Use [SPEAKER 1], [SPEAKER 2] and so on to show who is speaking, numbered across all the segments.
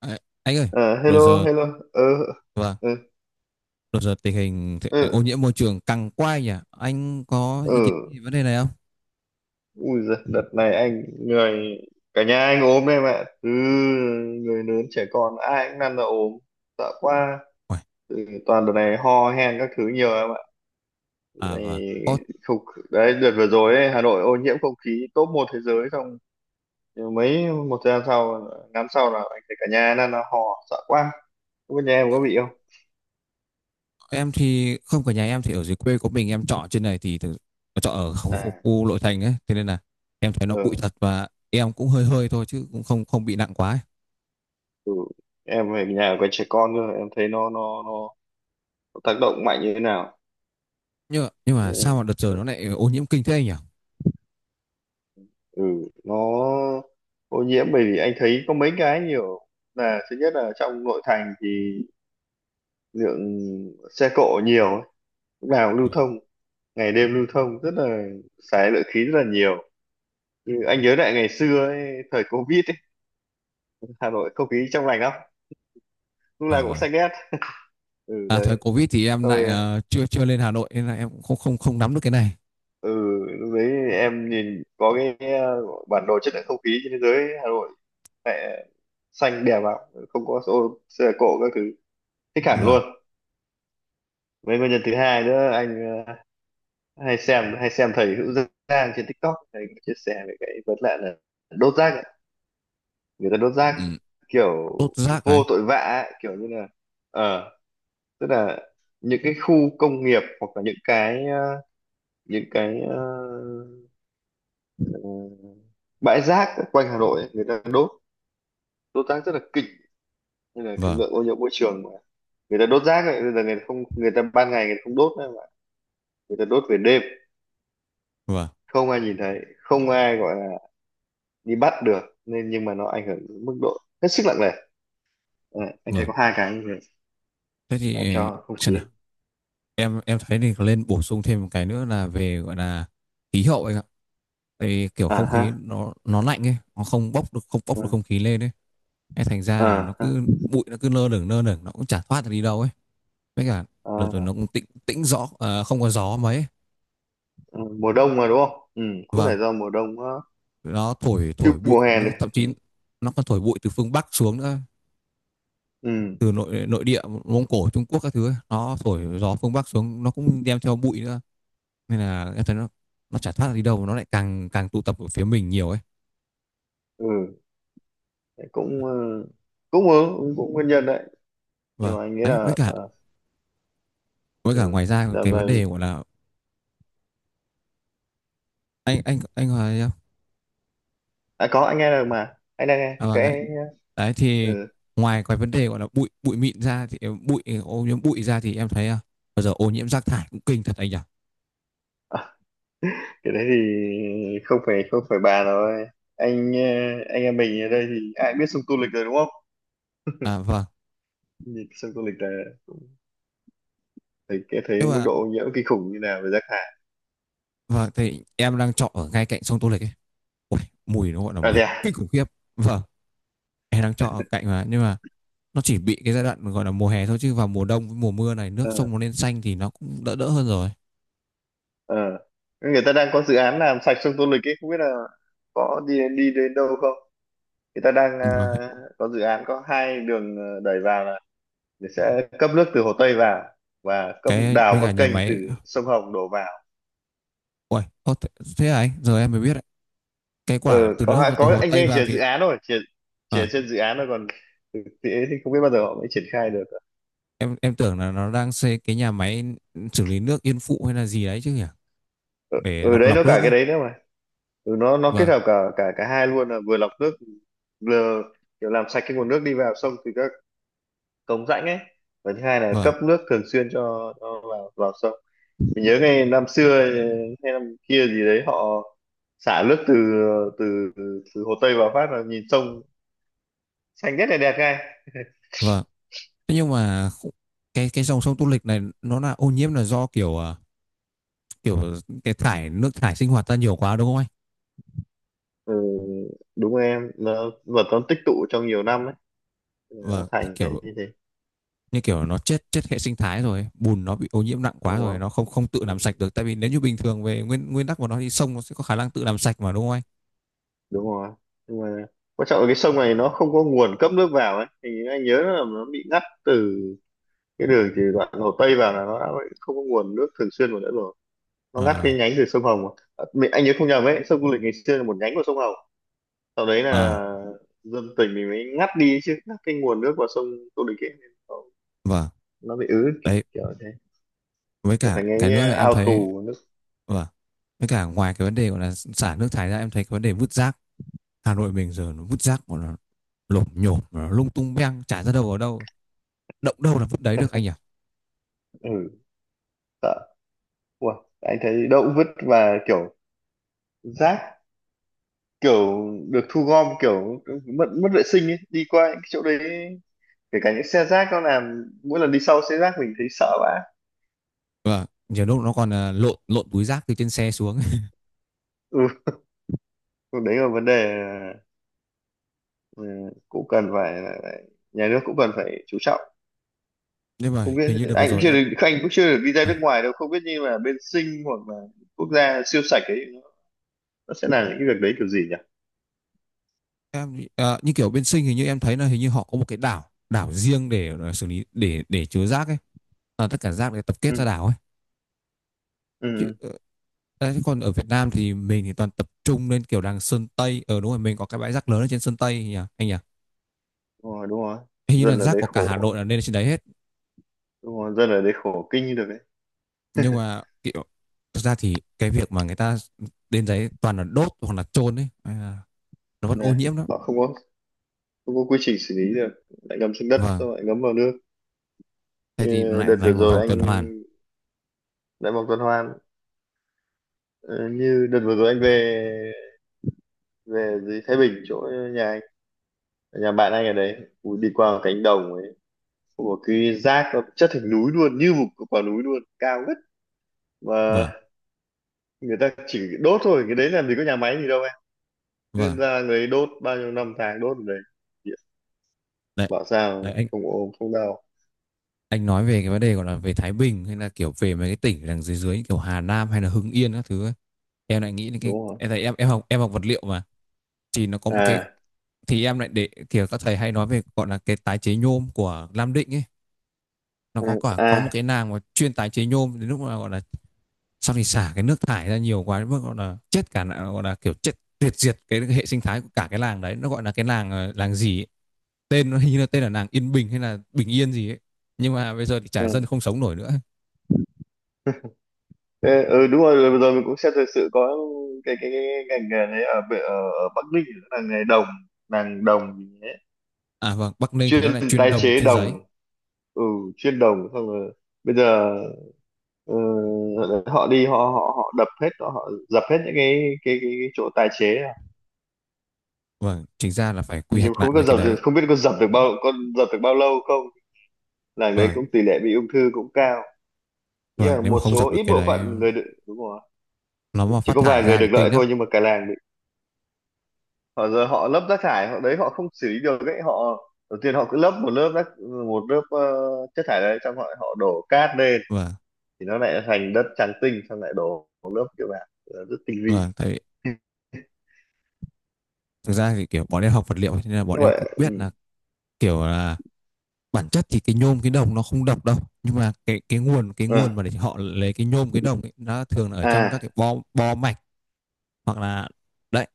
[SPEAKER 1] À, anh ơi,
[SPEAKER 2] À,
[SPEAKER 1] đồ
[SPEAKER 2] hello,
[SPEAKER 1] giờ
[SPEAKER 2] hello. Ờ,
[SPEAKER 1] và
[SPEAKER 2] ờ,
[SPEAKER 1] đồ giờ tình hình
[SPEAKER 2] ờ,
[SPEAKER 1] ô nhiễm môi trường căng quay nhỉ? Anh có
[SPEAKER 2] ờ.
[SPEAKER 1] ý kiến gì vấn đề này không?
[SPEAKER 2] Ui giời, đợt này anh người cả nhà anh ốm, em ạ. Từ người lớn trẻ con ai cũng năn ra ốm, sợ quá.
[SPEAKER 1] Uầy.
[SPEAKER 2] Ừ, toàn đợt này ho hen các thứ nhiều, em ạ.
[SPEAKER 1] À và
[SPEAKER 2] Này,
[SPEAKER 1] Ồ,
[SPEAKER 2] không, đấy đợt vừa rồi ấy, Hà Nội ô nhiễm không khí top một thế giới, xong nhưng mấy một thời gian sau ngắn sau là anh thấy cả nhà năn ra ho, sợ quá. Không biết nhà em có bị không?
[SPEAKER 1] em thì không, cả nhà em thì ở dưới quê của mình, em trọ trên này thì thực, trọ ở khu, khu,
[SPEAKER 2] À,
[SPEAKER 1] khu nội thành ấy, thế nên là em thấy nó bụi
[SPEAKER 2] ừ,
[SPEAKER 1] thật, và em cũng hơi hơi thôi chứ cũng không không bị nặng quá ấy.
[SPEAKER 2] ừ. Em về nhà có trẻ con cơ, em thấy nó tác động mạnh như thế nào.
[SPEAKER 1] Nhưng mà sao
[SPEAKER 2] Đấy.
[SPEAKER 1] mà đợt giờ nó lại ô nhiễm kinh thế anh nhỉ?
[SPEAKER 2] Ừ, nó ô nhiễm bởi vì anh thấy có mấy cái nhiều, là thứ nhất là trong nội thành thì lượng xe cộ nhiều ấy, lúc nào cũng lưu thông, ngày đêm lưu thông rất là xài lượng khí rất là nhiều. Ừ, anh nhớ lại ngày xưa ấy, thời Covid ấy, Hà Nội không khí trong lành lắm, lúc nào
[SPEAKER 1] À,
[SPEAKER 2] cũng
[SPEAKER 1] vâng.
[SPEAKER 2] xanh ngắt. Ừ
[SPEAKER 1] À,
[SPEAKER 2] đấy.
[SPEAKER 1] thời Covid thì em lại
[SPEAKER 2] Thôi,
[SPEAKER 1] chưa chưa lên Hà Nội nên là em cũng không không không nắm được cái này.
[SPEAKER 2] ừ, lúc đấy em nhìn có cái bản đồ chất lượng không khí trên thế giới, Hà Nội mẹ xanh đẹp lắm, không có ô xe cộ các thứ, thích hẳn
[SPEAKER 1] Vâng.
[SPEAKER 2] luôn. Với nguyên nhân thứ hai nữa, anh hay xem thầy Hữu Giang trên TikTok, thầy có chia sẻ về cái vấn nạn là đốt rác ấy. Người ta đốt rác
[SPEAKER 1] Ừ,
[SPEAKER 2] kiểu
[SPEAKER 1] đốt rác ấy.
[SPEAKER 2] vô tội vạ ấy, kiểu như là ờ tức là những cái khu công nghiệp hoặc là những cái ờ, bãi rác quanh Hà Nội ấy, người ta đốt đốt rác rất là kinh, nên là cái
[SPEAKER 1] Vâng.
[SPEAKER 2] lượng ô nhiễm môi trường mà người ta đốt rác ấy, bây giờ người ta không người ta ban ngày người ta không đốt nữa mà người ta đốt về đêm,
[SPEAKER 1] Vâng.
[SPEAKER 2] không ai nhìn thấy, không ai gọi là đi bắt được, nên nhưng mà nó ảnh hưởng đến mức độ hết sức nặng nề. Ờ, anh thấy
[SPEAKER 1] Vâng.
[SPEAKER 2] có hai cái như vậy
[SPEAKER 1] Thế
[SPEAKER 2] làm
[SPEAKER 1] thì
[SPEAKER 2] cho không khí.
[SPEAKER 1] xem nào, em thấy thì nên bổ sung thêm một cái nữa là về gọi là khí hậu anh ạ. Tại vì kiểu
[SPEAKER 2] À
[SPEAKER 1] không
[SPEAKER 2] ha.
[SPEAKER 1] khí nó lạnh ấy, nó không bốc được
[SPEAKER 2] Ừ.
[SPEAKER 1] không khí lên ấy. Thế thành ra là nó
[SPEAKER 2] À ha.
[SPEAKER 1] cứ bụi, nó cứ lơ lửng lơ lửng, nó cũng chả thoát được đi đâu ấy. Với cả đợt rồi nó
[SPEAKER 2] À,
[SPEAKER 1] cũng tĩnh tĩnh gió à, không có gió mấy ấy.
[SPEAKER 2] ừ. Mùa đông mà, đúng không? Ừ, cũng
[SPEAKER 1] Vâng,
[SPEAKER 2] phải do mùa đông á.
[SPEAKER 1] nó thổi
[SPEAKER 2] Chứ
[SPEAKER 1] thổi bụi,
[SPEAKER 2] mùa hè
[SPEAKER 1] nó
[SPEAKER 2] này
[SPEAKER 1] thậm
[SPEAKER 2] ừ.
[SPEAKER 1] chí nó còn thổi bụi từ phương Bắc xuống nữa,
[SPEAKER 2] Ừ.
[SPEAKER 1] từ nội nội địa Mông Cổ, Trung Quốc các thứ ấy. Nó thổi gió phương Bắc xuống, nó cũng đem theo bụi nữa, nên là em thấy nó chả thoát ra đi đâu mà nó lại càng càng tụ tập ở phía mình nhiều ấy.
[SPEAKER 2] Ừ. Đấy cũng ờ, cũng ờ, cũng cũng nguyên nhân đấy. Nhưng
[SPEAKER 1] Vâng,
[SPEAKER 2] mà anh nghĩ
[SPEAKER 1] đấy, với
[SPEAKER 2] là
[SPEAKER 1] cả với cả
[SPEAKER 2] ừ.
[SPEAKER 1] ngoài ra cái vấn đề gọi là, anh hoài thấy không?
[SPEAKER 2] À có, anh nghe được mà, anh đang nghe
[SPEAKER 1] À, vâng, đấy.
[SPEAKER 2] cái.
[SPEAKER 1] Đấy thì
[SPEAKER 2] Ừ,
[SPEAKER 1] ngoài cái vấn đề gọi là bụi bụi mịn ra thì bụi ô nhiễm bụi ra thì em thấy bây giờ ô nhiễm rác thải cũng kinh thật anh nhỉ.
[SPEAKER 2] cái đấy thì không phải bàn rồi. anh ờ, anh em mình ở đây thì ai biết sông Tô Lịch rồi, đúng không?
[SPEAKER 1] À vâng.
[SPEAKER 2] Nhìn sông Tô Lịch là cũng thấy cái thấy
[SPEAKER 1] Nhưng
[SPEAKER 2] mức
[SPEAKER 1] mà
[SPEAKER 2] độ ô nhiễm kinh khủng như nào về rác thải.
[SPEAKER 1] vâng, thì em đang trọ ở ngay cạnh sông Tô Lịch ấy. Ôi, mùi nó gọi là
[SPEAKER 2] À
[SPEAKER 1] mùi
[SPEAKER 2] thế à.
[SPEAKER 1] kinh khủng khiếp. Vâng, em đang trọ ở cạnh mà, nhưng mà nó chỉ bị cái giai đoạn gọi là mùa hè thôi, chứ vào mùa đông với mùa mưa này nước
[SPEAKER 2] Ờ.
[SPEAKER 1] sông nó lên xanh thì nó cũng đỡ đỡ hơn rồi.
[SPEAKER 2] Ờ. Người ta đang có dự án làm sạch sông Tô Lịch ấy, không biết là có đi đi đến đâu không. Người ta đang
[SPEAKER 1] Vâng,
[SPEAKER 2] có dự án, có hai đường đẩy vào, là sẽ cấp nước từ Hồ Tây vào và cấp
[SPEAKER 1] cái
[SPEAKER 2] đào
[SPEAKER 1] với cả
[SPEAKER 2] con
[SPEAKER 1] nhà
[SPEAKER 2] kênh từ
[SPEAKER 1] máy.
[SPEAKER 2] sông Hồng đổ vào.
[SPEAKER 1] Uầy, ô, thế à anh, giờ em mới biết đấy. Cái
[SPEAKER 2] Ờ,
[SPEAKER 1] quả từ
[SPEAKER 2] có hai
[SPEAKER 1] nước từ
[SPEAKER 2] có,
[SPEAKER 1] Hồ
[SPEAKER 2] anh
[SPEAKER 1] Tây
[SPEAKER 2] ấy chỉ
[SPEAKER 1] vào
[SPEAKER 2] là dự
[SPEAKER 1] thì
[SPEAKER 2] án thôi, chỉ là
[SPEAKER 1] à,
[SPEAKER 2] trên dự án thôi, còn thực tế thì không biết bao giờ họ mới triển khai được.
[SPEAKER 1] em tưởng là nó đang xây cái nhà máy xử lý nước Yên Phụ hay là gì đấy chứ nhỉ, để
[SPEAKER 2] Ừ,
[SPEAKER 1] lọc
[SPEAKER 2] đấy nó
[SPEAKER 1] lọc
[SPEAKER 2] cả
[SPEAKER 1] nước
[SPEAKER 2] cái
[SPEAKER 1] ấy.
[SPEAKER 2] đấy nữa mà. Ừ, nó kết
[SPEAKER 1] Vâng.
[SPEAKER 2] hợp cả cả cả hai luôn, là vừa lọc nước, vừa kiểu làm sạch cái nguồn nước đi vào sông từ các cống rãnh ấy, và thứ hai là
[SPEAKER 1] Vâng.
[SPEAKER 2] cấp nước thường xuyên cho vào vào sông. Mình nhớ ngày năm xưa hay năm kia gì đấy, họ xả nước từ từ từ Hồ Tây vào phát là nhìn sông xanh rất là đẹp ngay.
[SPEAKER 1] Vâng. Thế nhưng mà cái dòng sông Tô Lịch này nó là ô nhiễm là do kiểu kiểu cái thải nước thải sinh hoạt ra nhiều quá, đúng không anh?
[SPEAKER 2] Ừ, đúng rồi em, nó vật nó tích tụ trong nhiều năm ấy, nó
[SPEAKER 1] Vâng, thì
[SPEAKER 2] thành cái
[SPEAKER 1] kiểu
[SPEAKER 2] như thế.
[SPEAKER 1] như kiểu nó chết chết hệ sinh thái rồi, bùn nó bị ô nhiễm nặng quá
[SPEAKER 2] Đúng
[SPEAKER 1] rồi,
[SPEAKER 2] không?
[SPEAKER 1] nó không không tự làm sạch
[SPEAKER 2] Đúng,
[SPEAKER 1] được, tại vì nếu như bình thường về nguyên nguyên tắc của nó thì sông nó sẽ có khả năng tự làm sạch mà, đúng không anh?
[SPEAKER 2] đúng rồi. Nhưng mà quan trọng là cái sông này nó không có nguồn cấp nước vào ấy, thì anh nhớ là nó bị ngắt từ cái đường từ đoạn Hồ Tây vào, là nó đã không có nguồn nước thường xuyên vào nữa rồi, nó ngắt cái
[SPEAKER 1] À.
[SPEAKER 2] nhánh từ sông Hồng mà. À, anh nhớ không nhầm ấy, sông Du Lịch ngày xưa là một nhánh của sông Hồng, sau đấy
[SPEAKER 1] À,
[SPEAKER 2] là dân tỉnh mình mới ngắt đi, chứ ngắt cái nguồn nước vào sông Du Lịch ấy nên nó,
[SPEAKER 1] vâng,
[SPEAKER 2] nó bị ứ
[SPEAKER 1] đấy,
[SPEAKER 2] kiểu thế,
[SPEAKER 1] với
[SPEAKER 2] trở
[SPEAKER 1] cả
[SPEAKER 2] thành
[SPEAKER 1] cái
[SPEAKER 2] cái
[SPEAKER 1] nữa là em
[SPEAKER 2] ao
[SPEAKER 1] thấy,
[SPEAKER 2] tù nước.
[SPEAKER 1] vâng, với cả ngoài cái vấn đề gọi là xả nước thải ra, em thấy cái vấn đề vứt rác. Hà Nội mình giờ nó vứt rác của nó lộp nhổm, nó lung tung beng chả ra đâu ở đâu, động đâu là vứt đấy được anh nhỉ.
[SPEAKER 2] Ừ. Sợ. Ủa, anh thấy động vứt và kiểu rác kiểu được thu gom kiểu mất mất vệ sinh ấy, đi qua những cái chỗ đấy, kể cả những xe rác nó làm, mỗi lần đi sau xe rác mình thấy sợ vãi.
[SPEAKER 1] Vâng, nhiều lúc nó còn lộn lộn túi rác từ trên xe xuống.
[SPEAKER 2] Ừ, đấy là vấn đề. Ừ, cũng cần phải nhà nước cũng cần phải chú trọng.
[SPEAKER 1] Nhưng mà
[SPEAKER 2] Không biết,
[SPEAKER 1] hình như đợt vừa
[SPEAKER 2] anh cũng
[SPEAKER 1] rồi
[SPEAKER 2] chưa được anh cũng chưa được đi ra
[SPEAKER 1] à,
[SPEAKER 2] nước ngoài đâu, không biết như là bên Sing hoặc là quốc gia siêu sạch ấy, nó sẽ làm những cái việc đấy kiểu gì nhỉ.
[SPEAKER 1] như kiểu bên Sinh, hình như em thấy là hình như họ có một cái đảo, đảo riêng để xử lý, để chứa rác ấy. À, tất cả rác để tập kết ra
[SPEAKER 2] Ừ.
[SPEAKER 1] đảo ấy. Chứ
[SPEAKER 2] Ừ.
[SPEAKER 1] đấy, còn ở Việt Nam thì mình thì toàn tập trung lên kiểu đằng Sơn Tây ở, đúng rồi, mình có cái bãi rác lớn ở trên Sơn Tây nhỉ anh nhỉ.
[SPEAKER 2] Ừ. Đúng rồi. Đúng rồi.
[SPEAKER 1] Hình như là
[SPEAKER 2] Dân ở
[SPEAKER 1] rác
[SPEAKER 2] đấy
[SPEAKER 1] của cả Hà
[SPEAKER 2] khổ.
[SPEAKER 1] Nội là lên trên đấy hết.
[SPEAKER 2] Đúng rồi, dân ở đấy khổ kinh như được đấy.
[SPEAKER 1] Nhưng mà kiểu thực ra thì cái việc mà người ta đến đấy toàn là đốt hoặc là chôn ấy à, nó vẫn ô
[SPEAKER 2] Nè,
[SPEAKER 1] nhiễm lắm.
[SPEAKER 2] họ không có quy trình xử lý được, lại ngâm xuống đất
[SPEAKER 1] Vâng,
[SPEAKER 2] xong lại ngấm vào nước.
[SPEAKER 1] thế thì nó
[SPEAKER 2] Như
[SPEAKER 1] lại
[SPEAKER 2] đợt vừa
[SPEAKER 1] thành một
[SPEAKER 2] rồi
[SPEAKER 1] vòng tuần
[SPEAKER 2] anh
[SPEAKER 1] hoàn.
[SPEAKER 2] đã vòng tuần hoàn. Ờ, như đợt vừa rồi anh về về dưới Thái Bình, chỗ nhà anh, nhà bạn anh ở đấy. Ui, đi qua một cánh đồng ấy, có một cái rác nó chất thành núi luôn, như một quả núi luôn, cao ngất mà
[SPEAKER 1] Vâng.
[SPEAKER 2] người ta chỉ đốt thôi, cái đấy làm gì có nhà máy gì đâu em, cứ
[SPEAKER 1] Vâng.
[SPEAKER 2] ra người ấy đốt, bao nhiêu năm tháng đốt ở đấy,
[SPEAKER 1] Đấy.
[SPEAKER 2] bảo sao
[SPEAKER 1] Đấy anh
[SPEAKER 2] không ốm không đau.
[SPEAKER 1] anh nói về cái vấn đề gọi là về Thái Bình hay là kiểu về mấy cái tỉnh đằng dưới dưới kiểu Hà Nam hay là Hưng Yên các thứ ấy. Em lại nghĩ đến cái
[SPEAKER 2] Đúng không?
[SPEAKER 1] em thấy, em học vật liệu mà, thì nó có một cái,
[SPEAKER 2] À.
[SPEAKER 1] thì em lại để kiểu các thầy hay nói về gọi là cái tái chế nhôm của Nam Định ấy. Nó
[SPEAKER 2] Ừ.
[SPEAKER 1] có cả có một cái
[SPEAKER 2] À.
[SPEAKER 1] nàng mà chuyên tái chế nhôm, đến lúc mà gọi là sau thì xả cái nước thải ra nhiều quá đến mức gọi là chết cả, gọi là kiểu chết tuyệt diệt cái hệ sinh thái của cả cái làng đấy. Nó gọi là cái làng làng gì ấy. Tên nó hình như là tên là làng Yên Bình hay là Bình Yên gì ấy, nhưng mà bây giờ thì chả, dân
[SPEAKER 2] Ừ.
[SPEAKER 1] không sống nổi nữa.
[SPEAKER 2] Ê, ừ đúng rồi rồi vừa rồi mình cũng xem thời sự có cái ngành nghề đấy ở, ở Bắc Ninh là nghề đồng, nàng đồng gì ấy.
[SPEAKER 1] À vâng, Bắc Ninh thì nó
[SPEAKER 2] Chuyên
[SPEAKER 1] lại chuyên
[SPEAKER 2] tái
[SPEAKER 1] đồng,
[SPEAKER 2] chế
[SPEAKER 1] chuyên giấy.
[SPEAKER 2] đồng. Ừ, chuyên đồng, xong rồi bây giờ ờ, họ đập hết, họ dập hết những cái chỗ tái chế à.
[SPEAKER 1] Vâng, chính ra là phải quy
[SPEAKER 2] Nhưng
[SPEAKER 1] hoạch lại
[SPEAKER 2] không biết có
[SPEAKER 1] mấy cái
[SPEAKER 2] dập được,
[SPEAKER 1] đấy.
[SPEAKER 2] không biết có dập được bao, có dập được bao lâu không. Làng đấy
[SPEAKER 1] Vâng,
[SPEAKER 2] cũng tỷ lệ bị ung thư cũng cao, nhưng
[SPEAKER 1] vâng,
[SPEAKER 2] mà
[SPEAKER 1] nếu mà
[SPEAKER 2] một
[SPEAKER 1] không dập
[SPEAKER 2] số ít
[SPEAKER 1] được cái
[SPEAKER 2] bộ
[SPEAKER 1] đấy,
[SPEAKER 2] phận người được, đúng rồi,
[SPEAKER 1] nó mà
[SPEAKER 2] chỉ
[SPEAKER 1] phát
[SPEAKER 2] có
[SPEAKER 1] thải
[SPEAKER 2] vài người
[SPEAKER 1] ra
[SPEAKER 2] được
[SPEAKER 1] thì
[SPEAKER 2] lợi
[SPEAKER 1] kinh lắm.
[SPEAKER 2] thôi, nhưng mà cả làng họ giờ họ lấp rác thải, họ đấy họ không xử lý được ấy, họ đầu tiên họ cứ lấp một lớp rác, một lớp chất thải đấy, xong họ họ đổ cát lên,
[SPEAKER 1] Vâng,
[SPEAKER 2] thì nó lại thành đất trắng tinh, xong lại đổ một lớp kiểu bạn rất tinh vi
[SPEAKER 1] vâng, tại vì thực ra thì kiểu bọn em học vật liệu, thế nên là bọn
[SPEAKER 2] như
[SPEAKER 1] em
[SPEAKER 2] vậy.
[SPEAKER 1] cũng biết
[SPEAKER 2] Ừ.
[SPEAKER 1] là kiểu là bản chất thì cái nhôm, cái đồng nó không độc đâu. Nhưng mà cái nguồn
[SPEAKER 2] Ừ.
[SPEAKER 1] mà để họ lấy cái nhôm, cái đồng ấy, nó thường là ở trong các
[SPEAKER 2] À.
[SPEAKER 1] cái bo bo mạch, hoặc là đấy,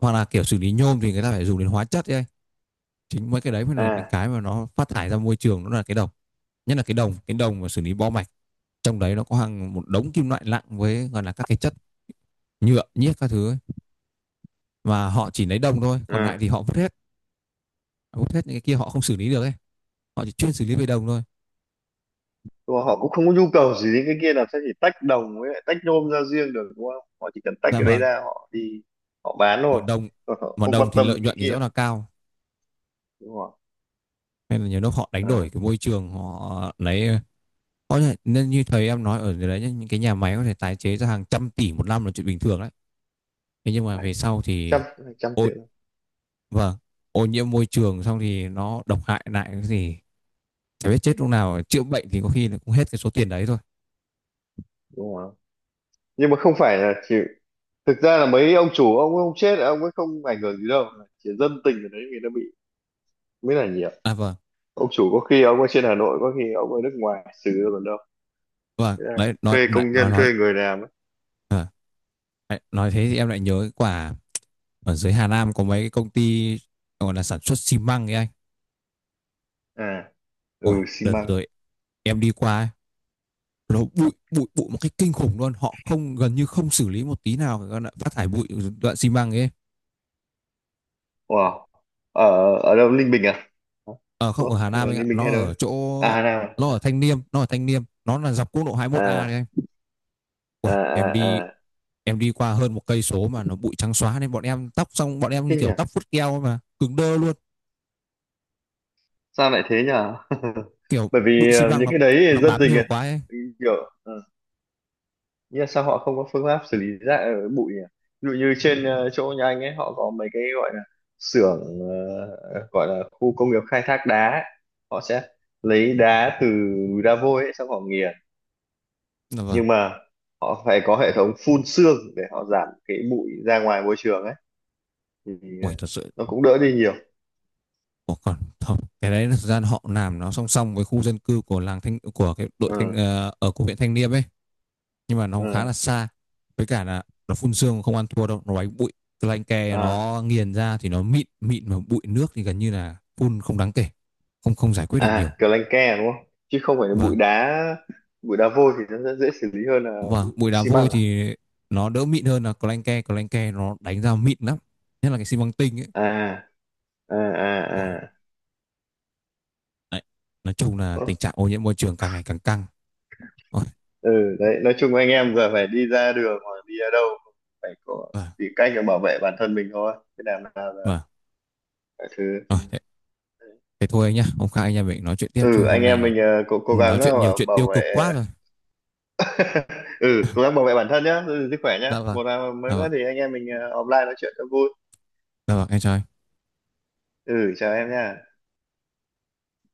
[SPEAKER 1] hoặc là kiểu xử lý nhôm thì người ta phải dùng đến hóa chất ấy. Chính mấy cái đấy mới là những
[SPEAKER 2] À.
[SPEAKER 1] cái mà nó phát thải ra môi trường, nó là cái đồng, nhất là cái đồng mà xử lý bo mạch, trong đấy nó có hàng một đống kim loại nặng với gọi là các cái chất nhựa nhiếc các thứ ấy. Và họ chỉ lấy đồng thôi, còn lại
[SPEAKER 2] À.
[SPEAKER 1] thì họ vứt hết, vứt hết những cái kia, họ không xử lý được ấy, họ chỉ chuyên xử lý về đồng thôi.
[SPEAKER 2] Nhưng mà họ cũng không có nhu cầu gì đến cái kia, làm sao chỉ tách đồng với lại tách nhôm ra riêng được, đúng không, họ chỉ cần tách
[SPEAKER 1] Dạ
[SPEAKER 2] cái đấy
[SPEAKER 1] vâng.
[SPEAKER 2] ra họ đi họ bán
[SPEAKER 1] mà
[SPEAKER 2] thôi.
[SPEAKER 1] đồng
[SPEAKER 2] Còn họ
[SPEAKER 1] mà
[SPEAKER 2] không quan
[SPEAKER 1] đồng thì
[SPEAKER 2] tâm
[SPEAKER 1] lợi
[SPEAKER 2] đến cái
[SPEAKER 1] nhuận thì
[SPEAKER 2] kia,
[SPEAKER 1] rõ là cao,
[SPEAKER 2] đúng không?
[SPEAKER 1] nên là nhiều lúc họ đánh
[SPEAKER 2] À,
[SPEAKER 1] đổi cái môi trường họ lấy, có thể nên như thầy em nói ở đấy nhá, những cái nhà máy có thể tái chế ra hàng trăm tỷ một năm là chuyện bình thường đấy. Thế nhưng mà
[SPEAKER 2] phải,
[SPEAKER 1] về sau
[SPEAKER 2] trăm
[SPEAKER 1] thì,
[SPEAKER 2] hai trăm
[SPEAKER 1] ô
[SPEAKER 2] triệu,
[SPEAKER 1] vâng, ô nhiễm môi trường xong thì nó độc hại lại, cái gì chả biết chết lúc nào, chữa bệnh thì có khi là cũng hết cái số tiền đấy thôi.
[SPEAKER 2] đúng không? Nhưng mà không phải là chỉ, thực ra là mấy ông chủ, ông ấy không chết, ông ấy không ảnh hưởng gì đâu, chỉ dân tình ở đấy người ta bị mới là nhiều.
[SPEAKER 1] À vâng,
[SPEAKER 2] Ông chủ có khi ông ở trên Hà Nội, có khi ông ở nước ngoài xử ra còn đâu.
[SPEAKER 1] vâng,
[SPEAKER 2] Thế là
[SPEAKER 1] đấy, nói
[SPEAKER 2] thuê
[SPEAKER 1] nói
[SPEAKER 2] công
[SPEAKER 1] nói
[SPEAKER 2] nhân,
[SPEAKER 1] nói
[SPEAKER 2] thuê người làm ấy.
[SPEAKER 1] à, đấy, nói thế thì em lại nhớ cái quả ở dưới Hà Nam có mấy cái công ty gọi là sản xuất xi măng ấy anh.
[SPEAKER 2] À. Ừ,
[SPEAKER 1] Ôi,
[SPEAKER 2] xi
[SPEAKER 1] đợt vừa
[SPEAKER 2] măng.
[SPEAKER 1] rồi em đi qua ấy, nó bụi bụi bụi một cách kinh khủng luôn, họ không gần như không xử lý một tí nào cái đoạn phát thải bụi đoạn xi măng ấy.
[SPEAKER 2] Wow. Ở ở đâu, Ninh Bình à? Hả?
[SPEAKER 1] Ờ không,
[SPEAKER 2] Đúng
[SPEAKER 1] ở
[SPEAKER 2] không,
[SPEAKER 1] Hà
[SPEAKER 2] em
[SPEAKER 1] Nam
[SPEAKER 2] ở
[SPEAKER 1] anh ạ,
[SPEAKER 2] Ninh Bình hay đâu ấy? À, Hà Nam
[SPEAKER 1] nó
[SPEAKER 2] À.
[SPEAKER 1] ở Thanh Liêm, nó ở Thanh Liêm, nó là dọc quốc lộ 21A đấy
[SPEAKER 2] À.
[SPEAKER 1] anh. Ôi,
[SPEAKER 2] À.
[SPEAKER 1] em
[SPEAKER 2] À.
[SPEAKER 1] đi
[SPEAKER 2] À.
[SPEAKER 1] em đi qua hơn 1 cây số mà nó bụi trắng xóa, nên bọn em tóc xong bọn em như
[SPEAKER 2] Thế nhỉ,
[SPEAKER 1] kiểu tóc vút keo ấy, mà cứng đơ luôn.
[SPEAKER 2] sao lại thế nhỉ.
[SPEAKER 1] Kiểu
[SPEAKER 2] Bởi
[SPEAKER 1] bụi
[SPEAKER 2] vì
[SPEAKER 1] xi măng
[SPEAKER 2] những
[SPEAKER 1] nó
[SPEAKER 2] cái đấy
[SPEAKER 1] nó
[SPEAKER 2] thì dân
[SPEAKER 1] bám
[SPEAKER 2] tình
[SPEAKER 1] nhiều
[SPEAKER 2] ấy
[SPEAKER 1] quá ấy.
[SPEAKER 2] kiểu nhưng mà sao họ không có phương pháp xử lý rác ở bụi nhỉ. Ví dụ như trên chỗ nhà anh ấy, họ có mấy cái gọi là xưởng gọi là khu công nghiệp khai thác đá ấy. Họ sẽ lấy đá từ núi đá vôi ấy, xong họ nghiền,
[SPEAKER 1] Là vâng,
[SPEAKER 2] nhưng mà họ phải có hệ thống phun sương để họ giảm cái bụi ra ngoài môi trường ấy thì
[SPEAKER 1] ui
[SPEAKER 2] ờ,
[SPEAKER 1] thật sự.
[SPEAKER 2] nó cũng đỡ đi nhiều.
[SPEAKER 1] Ủa còn không, cái đấy là thực ra họ làm nó song song với khu dân cư của làng thanh, của cái đội thanh
[SPEAKER 2] Ừ.
[SPEAKER 1] ở của huyện Thanh Liêm ấy, nhưng mà nó khá
[SPEAKER 2] Ừ.
[SPEAKER 1] là xa. Với cả là nó phun sương không ăn thua đâu, nó đánh bụi cái lanh ke
[SPEAKER 2] À.
[SPEAKER 1] nó nghiền ra thì nó mịn mịn, mà bụi nước thì gần như là phun không đáng kể, không không giải quyết được
[SPEAKER 2] À,
[SPEAKER 1] nhiều.
[SPEAKER 2] kiểu lanh ke, đúng không, chứ không phải là bụi
[SPEAKER 1] và
[SPEAKER 2] đá, bụi đá vôi thì nó sẽ dễ xử lý hơn là
[SPEAKER 1] và
[SPEAKER 2] bụi
[SPEAKER 1] bụi đá
[SPEAKER 2] xi măng.
[SPEAKER 1] vôi thì nó đỡ mịn hơn là clanke, nó đánh ra mịn lắm, nhất là cái xi măng tinh ấy.
[SPEAKER 2] À. À. À.
[SPEAKER 1] Ôi.
[SPEAKER 2] À. À.
[SPEAKER 1] Đấy. Nói chung là
[SPEAKER 2] Ờ,
[SPEAKER 1] tình trạng ô nhiễm môi trường càng ngày càng căng. Ôi,
[SPEAKER 2] ừ đấy nói chung anh em giờ phải đi ra đường hoặc đi ở đâu cũng phải có,
[SPEAKER 1] vâng,
[SPEAKER 2] tìm cách để bảo vệ bản thân mình thôi, thế làm nào là
[SPEAKER 1] vâng.
[SPEAKER 2] mọi thứ.
[SPEAKER 1] Rồi, thế thôi anh nhá. Hôm khác anh em mình nói chuyện tiếp, chứ
[SPEAKER 2] Ừ,
[SPEAKER 1] hôm
[SPEAKER 2] anh em
[SPEAKER 1] nay
[SPEAKER 2] mình cố cố
[SPEAKER 1] nói
[SPEAKER 2] gắng
[SPEAKER 1] chuyện nhiều
[SPEAKER 2] bảo,
[SPEAKER 1] chuyện tiêu
[SPEAKER 2] bảo vệ.
[SPEAKER 1] cực quá rồi.
[SPEAKER 2] Ừ, cố gắng bảo vệ bản thân nhá, giữ gìn sức khỏe nhá,
[SPEAKER 1] Dạ vâng.
[SPEAKER 2] một là mới
[SPEAKER 1] Dạ vâng,
[SPEAKER 2] nữa thì anh em mình offline nói chuyện cho vui.
[SPEAKER 1] dạ vâng, em chào anh.
[SPEAKER 2] Ừ, chào em nha